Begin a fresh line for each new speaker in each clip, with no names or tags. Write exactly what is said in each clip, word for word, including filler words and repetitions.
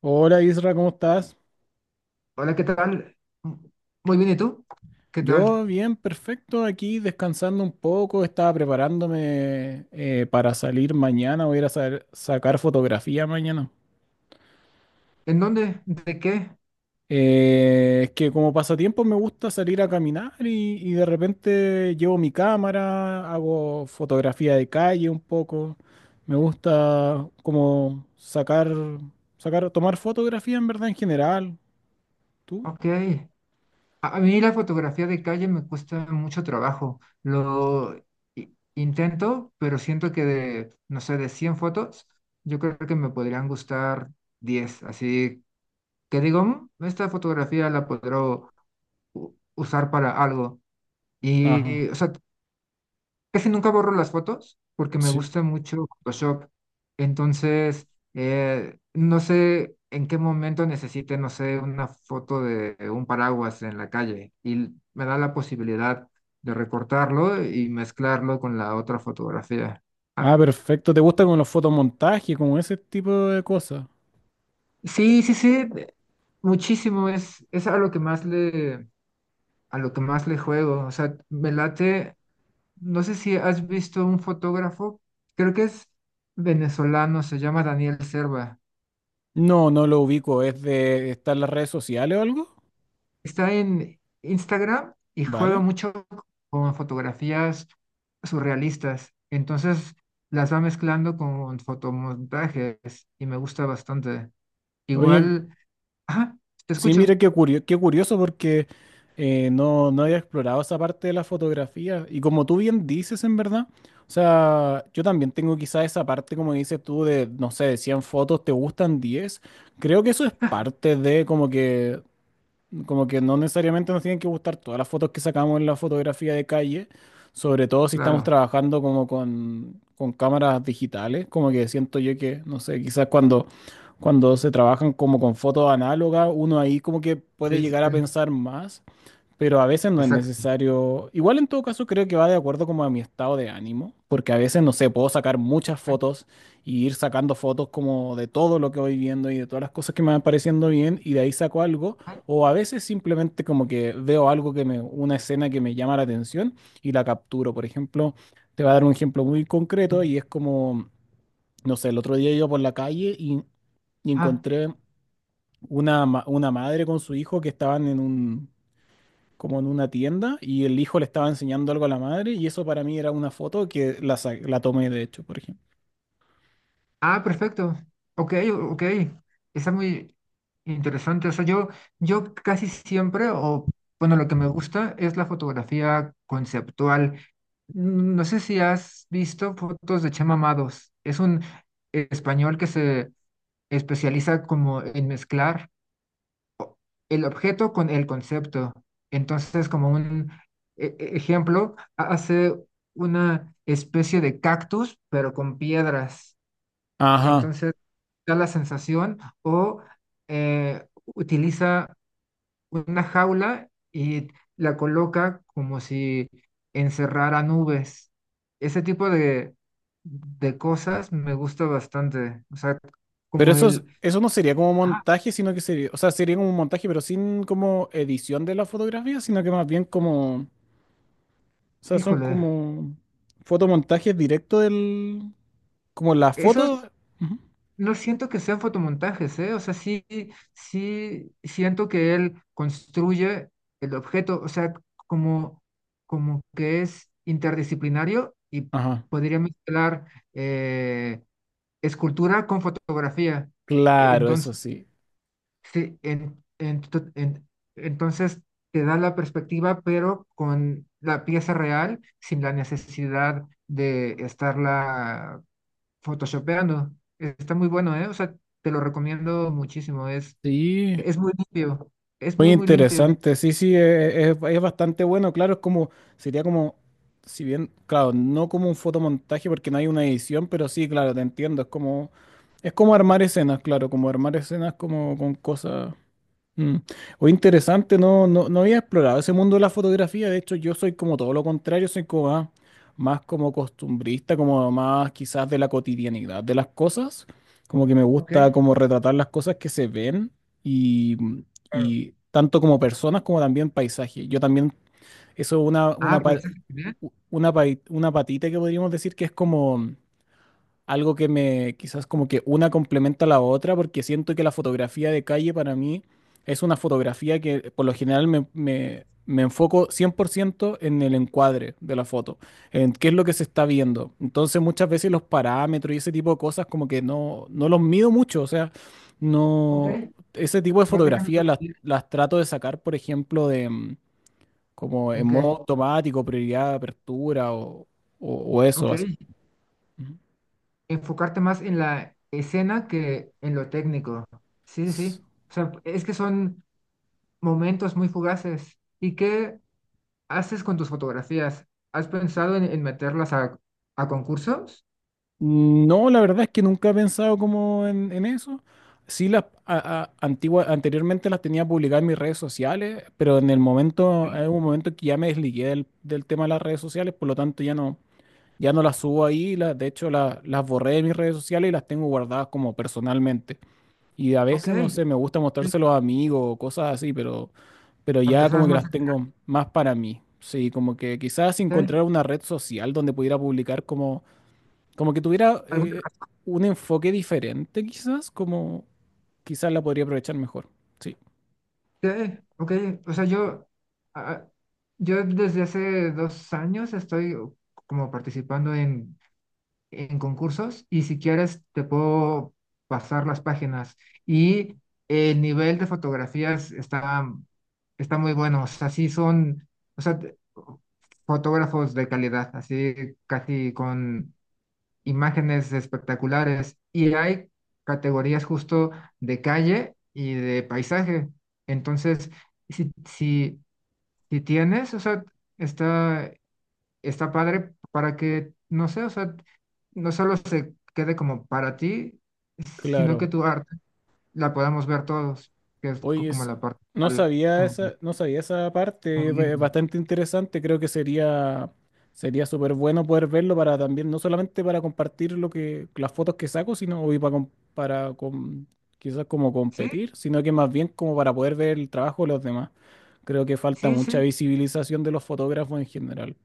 Hola Isra, ¿cómo estás?
Hola, ¿qué tal? Muy bien, ¿y tú? ¿Qué tal?
Yo bien, perfecto, aquí descansando un poco, estaba preparándome eh, para salir mañana. Voy a ir a sa- sacar fotografía mañana.
¿En dónde? ¿De qué?
Eh, es que como pasatiempo me gusta salir a caminar y, y de repente llevo mi cámara, hago fotografía de calle un poco. Me gusta como sacar, sacar, tomar fotografía en verdad en general. ¿Tú?
Ok. A, a mí la fotografía de calle me cuesta mucho trabajo. Lo i- intento, pero siento que de, no sé, de cien fotos, yo creo que me podrían gustar diez. Así que digo, "Mm, esta fotografía la podré u- usar para algo". Y,
Ajá.
o sea, casi nunca borro las fotos porque me
Sí.
gusta mucho Photoshop. Entonces, eh, no sé en qué momento necesite, no sé, una foto de un paraguas en la calle y me da la posibilidad de recortarlo y mezclarlo con la otra fotografía.
Ah,
Ah,
perfecto. ¿Te gusta como los fotomontajes, como ese tipo de cosas?
sí, sí, sí, de- muchísimo. Es, es a lo que más le, a lo que más le juego. O sea, me late. No sé si has visto un fotógrafo, creo que es venezolano, se llama Daniel Serva.
No, no lo ubico. ¿Es de estar en las redes sociales o algo?
Está en Instagram y juega
Vale.
mucho con fotografías surrealistas. Entonces las va mezclando con fotomontajes y me gusta bastante.
Oye,
Igual, ajá, te
sí,
escucho,
mira qué curio- qué curioso, porque eh, no, no había explorado esa parte de la fotografía. Y como tú bien dices, en verdad, o sea, yo también tengo quizás esa parte, como dices tú, de, no sé, de cien fotos, te gustan diez. Creo que eso es parte de como que Como que no necesariamente nos tienen que gustar todas las fotos que sacamos en la fotografía de calle, sobre todo si estamos
claro.
trabajando como con, con cámaras digitales. Como que siento yo que, no sé, quizás cuando, cuando se trabajan como con fotos análogas, uno ahí como que puede llegar a
Este,
pensar más, pero a veces no es
exacto.
necesario. Igual en todo caso creo que va de acuerdo como a mi estado de ánimo, porque a veces, no sé, puedo sacar muchas fotos y ir sacando fotos como de todo lo que voy viendo y de todas las cosas que me van pareciendo bien, y de ahí saco algo. O a veces simplemente como que veo algo que me, una escena que me llama la atención y la capturo. Por ejemplo, te voy a dar un ejemplo muy concreto y es como, no sé, el otro día iba por la calle y y
Ajá.
encontré una, ma- una madre con su hijo que estaban en un, como en una tienda, y el hijo le estaba enseñando algo a la madre, y eso para mí era una foto que la, sa- la tomé de hecho, por ejemplo.
Ah, perfecto. Ok, ok. Está muy interesante. O sea, yo, yo casi siempre, o bueno, lo que me gusta es la fotografía conceptual. Mm, No sé si has visto fotos de Chema Amados. Es un español que se especializa como en mezclar el objeto con el concepto. Entonces, como un e- e- ejemplo, hace una especie de cactus, pero con piedras.
Ajá.
Entonces, da la sensación o eh, utiliza una jaula y la coloca como si encerrara nubes. Ese tipo de, de cosas me gusta bastante. O sea,
Pero
como
eso, es-
el...
eso no sería como
Ah,
montaje, sino que sería, o sea, sería como un montaje, pero sin como edición de la fotografía, sino que más bien como, o sea, son
híjole,
como fotomontajes directos del, como la
esos.
foto. Ujú.
No siento que sean fotomontajes, ¿eh? O sea, sí, sí siento que él construye el objeto, o sea, como, como que es interdisciplinario y
Ajá.
podría mezclar eh, escultura con fotografía.
Claro,
Entonces,
eso sí.
sí, en- ento- en- entonces te da la perspectiva, pero con la pieza real, sin la necesidad de estarla Photoshopeando. Está muy bueno, ¿eh? O sea, te lo recomiendo muchísimo. Es,
Sí.
es muy limpio. Es
Muy
muy, muy limpio.
interesante, sí, sí, eh, es, es bastante bueno, claro, es como, sería como, si bien, claro, no como un fotomontaje porque no hay una edición, pero sí, claro, te entiendo, es como, es como armar escenas, claro, como armar escenas como con cosas. Mm. O interesante, no, no, no había explorado ese mundo de la fotografía. De hecho, yo soy como todo lo contrario, soy como más, más como costumbrista, como más quizás de la cotidianidad de las cosas. Como que me
Ok.
gusta como retratar las cosas que se ven y,
Claro.
y tanto como personas como también paisajes. Yo también, eso es una,
Ah,
una, pa-
paisaje general.
u- una, pai- una patita que podríamos decir que es como algo que me quizás como que una complementa a la otra, porque siento que la fotografía de calle para mí es una fotografía que por lo general me, me- me enfoco cien por ciento en el encuadre de la foto, en qué es lo que se está viendo. Entonces muchas veces los parámetros y ese tipo de cosas como que no, no los mido mucho, o sea,
Ok.
no, ese tipo de
Vas dejando
fotografía
esta
las,
partida.
las trato de sacar, por ejemplo, de mm, como en
¿En qué?
modo automático, prioridad de apertura o, o, o eso
Ok.
así.
Enfocarte más en la escena que en lo técnico. Sí, sí,
Ujú.
sí. O sea, es que son momentos muy fugaces. ¿Y qué haces con tus fotografías? ¿Has pensado en, en meterlas a, a concursos?
Mm, No, la verdad es que nunca he pensado como en, en eso. Sí, las a- a- antigua- anteriormente las tenía publicadas en mis redes sociales, pero en el momento, en un momento que ya me desligué del, del tema de las redes sociales, por lo tanto ya no, ya no las subo ahí. La- de hecho, la- las borré de mis redes sociales y las tengo guardadas como personalmente. Y a
Ok.
veces, no sé, me gusta
Sí.
mostrárselo a amigos o cosas así, pero, pero
A
ya como
personas
que
más.
las tengo más para mí. Sí, como que quizás encontrar una red social donde pudiera publicar como como que tuviera eh,
Ok.
un enfoque diferente, quizás, como quizás la podría aprovechar mejor. Sí,
Okay, ok, o sea, yo, ah, yo desde hace dos años estoy como participando en, en, concursos y si quieres te puedo pasar las páginas y el nivel de fotografías está, está muy bueno, o sea, sí son, o sea, te- fotógrafos de calidad, así casi con imágenes espectaculares y hay categorías justo de calle y de paisaje. Entonces, si, si, si tienes, o sea, está, está padre para que, no sé, o sea, no solo se quede como para ti, sino que
claro.
tu arte la podamos ver todos, que es co-
Oye,
como
es-
la parte
no
al-
sabía
como,
esa, no sabía esa parte,
como
es ba-
libre.
bastante interesante. Creo que sería sería súper bueno poder verlo para también, no solamente para compartir lo que, las fotos que saco, sino y para, com- para com- quizás como
Sí,
competir, sino que más bien como para poder ver el trabajo de los demás. Creo que falta
sí,
mucha
sí,
visibilización de los fotógrafos en general.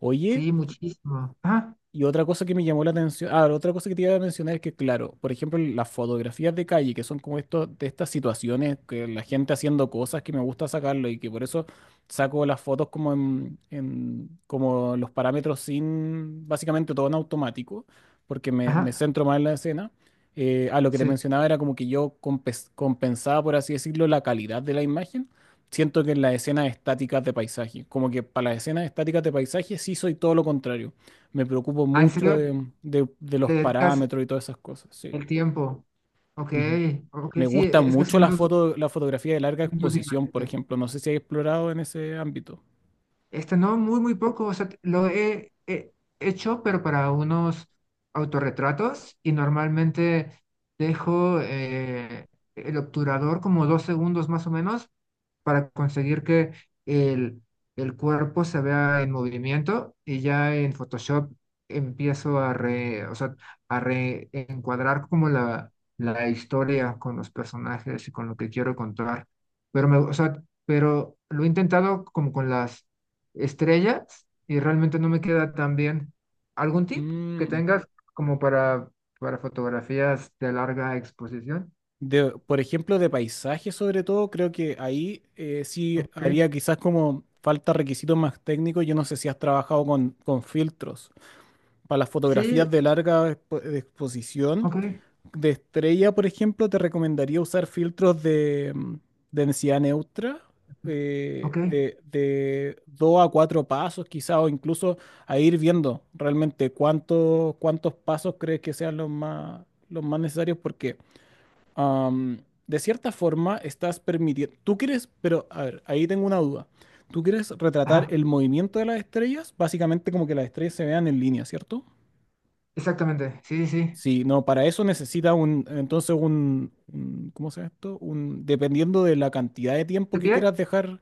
Oye,
sí, muchísimo. Ajá,
y otra cosa que me llamó la atención, ah, otra cosa que te iba a mencionar es que, claro, por ejemplo, las fotografías de calle, que son como esto, de estas situaciones, que la gente haciendo cosas que me gusta sacarlo y que por eso saco las fotos como en, en- como los parámetros sin, básicamente todo en automático, porque me, me
ajá,
centro más en la escena. Eh, a lo que te
sí.
mencionaba era como que yo compes- compensaba, por así decirlo, la calidad de la imagen. Siento que en las escenas estáticas de paisaje, como que para las escenas estáticas de paisaje sí soy todo lo contrario. Me preocupo
Ah, ¿en
mucho
serio
de, de- de
te
los
dedicas
parámetros y todas esas cosas, sí.
el tiempo? Ok,
Ujú.
ok,
Me
sí,
gusta
e, es que
mucho
son
la
dos
foto, la fotografía de larga
mundos
exposición, por
diferentes.
ejemplo. No sé si hay explorado en ese ámbito.
Este no, muy, muy poco. O sea, lo he, he, hecho, pero para unos autorretratos y normalmente dejo eh, el obturador como dos segundos más o menos para conseguir que el, el cuerpo se vea en movimiento y ya en Photoshop empiezo a re, o sea, a reencuadrar como la, la historia con los personajes y con lo que quiero contar. Pero me, o sea, pero lo he intentado como con las estrellas y realmente no me queda tan bien. ¿Algún tip que
Mm.
tengas como para, para fotografías de larga exposición?
De, por ejemplo, de paisajes sobre todo, creo que ahí eh, sí
Ok.
haría quizás como falta requisitos más técnicos. Yo no sé si has trabajado con, con filtros. Para las
Sí,
fotografías de larga expo- de exposición,
ok.
de estrella, por ejemplo, te recomendaría usar filtros de mm, densidad neutra, eh,
Ok.
de, de dos a cuatro pasos quizá, o incluso a ir viendo realmente cuántos, cuántos pasos crees que sean los más, los más necesarios, porque am, de cierta forma estás permitiendo, tú quieres, pero a ver, ahí tengo una duda. Tú quieres retratar
Ajá,
el movimiento de las estrellas, básicamente como que las estrellas se vean en línea, ¿cierto?
exactamente. Sí, sí, sí.
Sí, no, para eso necesita un, entonces un, un- ¿cómo se llama esto? Un, dependiendo de la cantidad de tiempo
¿Tú
que
qué?
quieras dejar,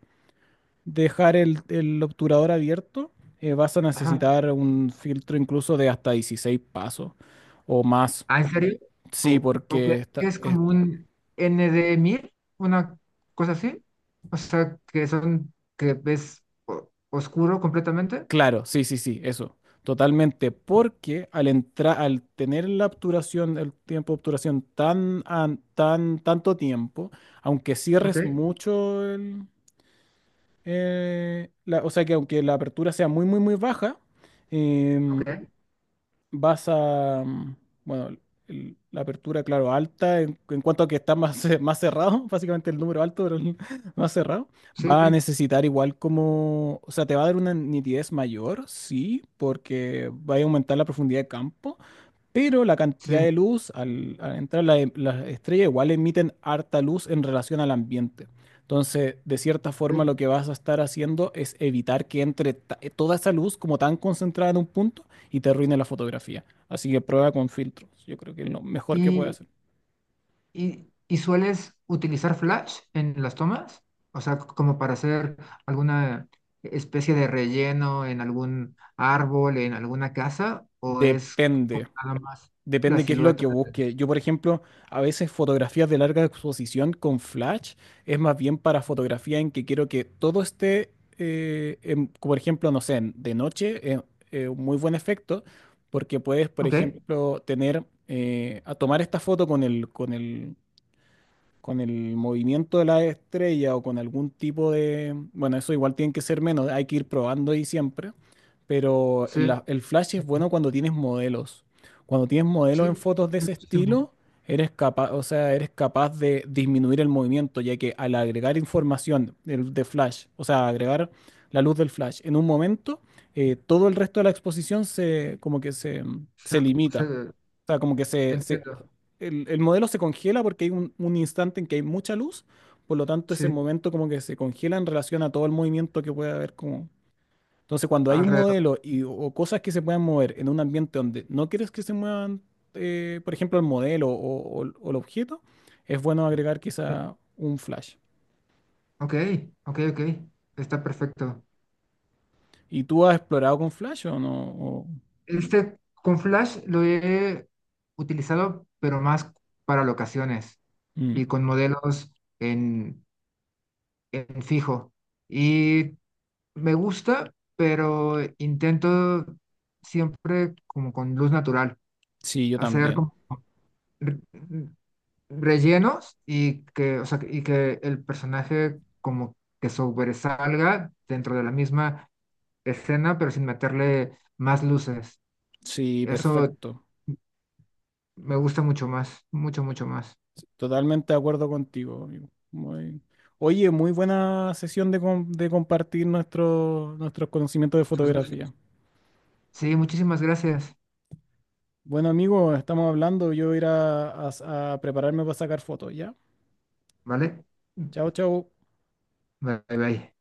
dejar el, el obturador abierto, eh, vas a
Ajá.
necesitar un filtro incluso de hasta dieciséis pasos o más.
¿Ah, en serio?
Sí,
¿O, o qué
porque está,
es
es-
como un N de mil? ¿Una cosa así? O sea, que son, que ves o- oscuro completamente.
claro, sí, sí, sí, eso, totalmente, porque al entrar, al tener la obturación, el tiempo de obturación tan, an- tan, tanto tiempo, aunque cierres
Ok,
mucho eh, la- o sea que aunque la apertura sea muy, muy, muy baja, em,
ok.
vas a, mm, bueno, el- la apertura, claro, alta, en, en cuanto a que está más, ce- más cerrado, básicamente el número alto, pero el más cerrado,
Sí,
va a
sí,
necesitar igual como, o sea, te va a dar una nitidez mayor, sí, porque va a aumentar la profundidad de campo. Pero la cantidad
sí.
de luz, al, al entrar la- las estrellas, igual emiten harta luz en relación al ambiente. Entonces, de cierta forma, lo que vas a estar haciendo es evitar que entre ta- eh, toda esa luz como tan concentrada en un punto y te arruine la fotografía. Así que prueba con filtros. Yo creo que es lo mejor que puede
Ok.
hacer.
¿Y, y sueles utilizar Flash en las tomas? O sea, c- como para hacer alguna especie de relleno en algún árbol, en alguna casa, o es como
Depende.
nada más la
Depende qué es lo
silueta
que
de...
busque. Yo, por ejemplo, a veces fotografías de larga exposición con flash es más bien para fotografía en que quiero que todo esté, eh, en- por ejemplo, no sé, en- de noche, eh, eh, un muy buen efecto, porque puedes, por
Ok,
ejemplo, tener, eh, a tomar esta foto con el, con el, con el movimiento de la estrella o con algún tipo de... Bueno, eso igual tiene que ser menos, hay que ir probando ahí siempre, pero
sí,
la- el flash es bueno cuando tienes modelos. Cuando tienes modelos
sí,
en fotos de ese
muchísimo.
estilo, eres capaz, o sea, eres capaz de disminuir el movimiento, ya que al agregar información del- de, flash, o sea, agregar la luz del flash en un momento, eh, todo el resto de la exposición se, como que se,
Se-
se limita.
se-
O sea, como que se, se
entiendo,
el, el modelo se congela porque hay un, un instante en que hay mucha luz, por lo tanto ese
sí,
momento como que se congela en relación a todo el movimiento que puede haber como... Entonces cuando hay un
alrededor.
modelo y, o cosas que se puedan mover en un ambiente donde no quieres que se muevan, eh, por ejemplo, el modelo o, o- o el objeto, es bueno agregar
Sí.
quizá un flash.
Ok, ok, ok, está perfecto.
¿Y tú has explorado con flash o no? O-
Este con Flash lo he utilizado, pero más para locaciones.
Mm,
Y con modelos en, en, fijo. Y me gusta, pero intento siempre como con luz natural,
sí, yo
hacer
también.
como re- rellenos y que, o sea, y que el personaje como que sobresalga dentro de la misma escena, pero sin meterle más luces.
Sí,
Eso
perfecto.
me gusta mucho más, mucho, mucho más.
Totalmente de acuerdo contigo, amigo. Muy... Oye, muy buena sesión de, com- de compartir nuestro- nuestros conocimientos de fotografía.
Sí, muchísimas gracias,
Bueno, amigo, estamos hablando. Yo voy a ir a, a a prepararme para sacar fotos, ¿ya?
¿vale?
Chao, chao.
Bye, bye.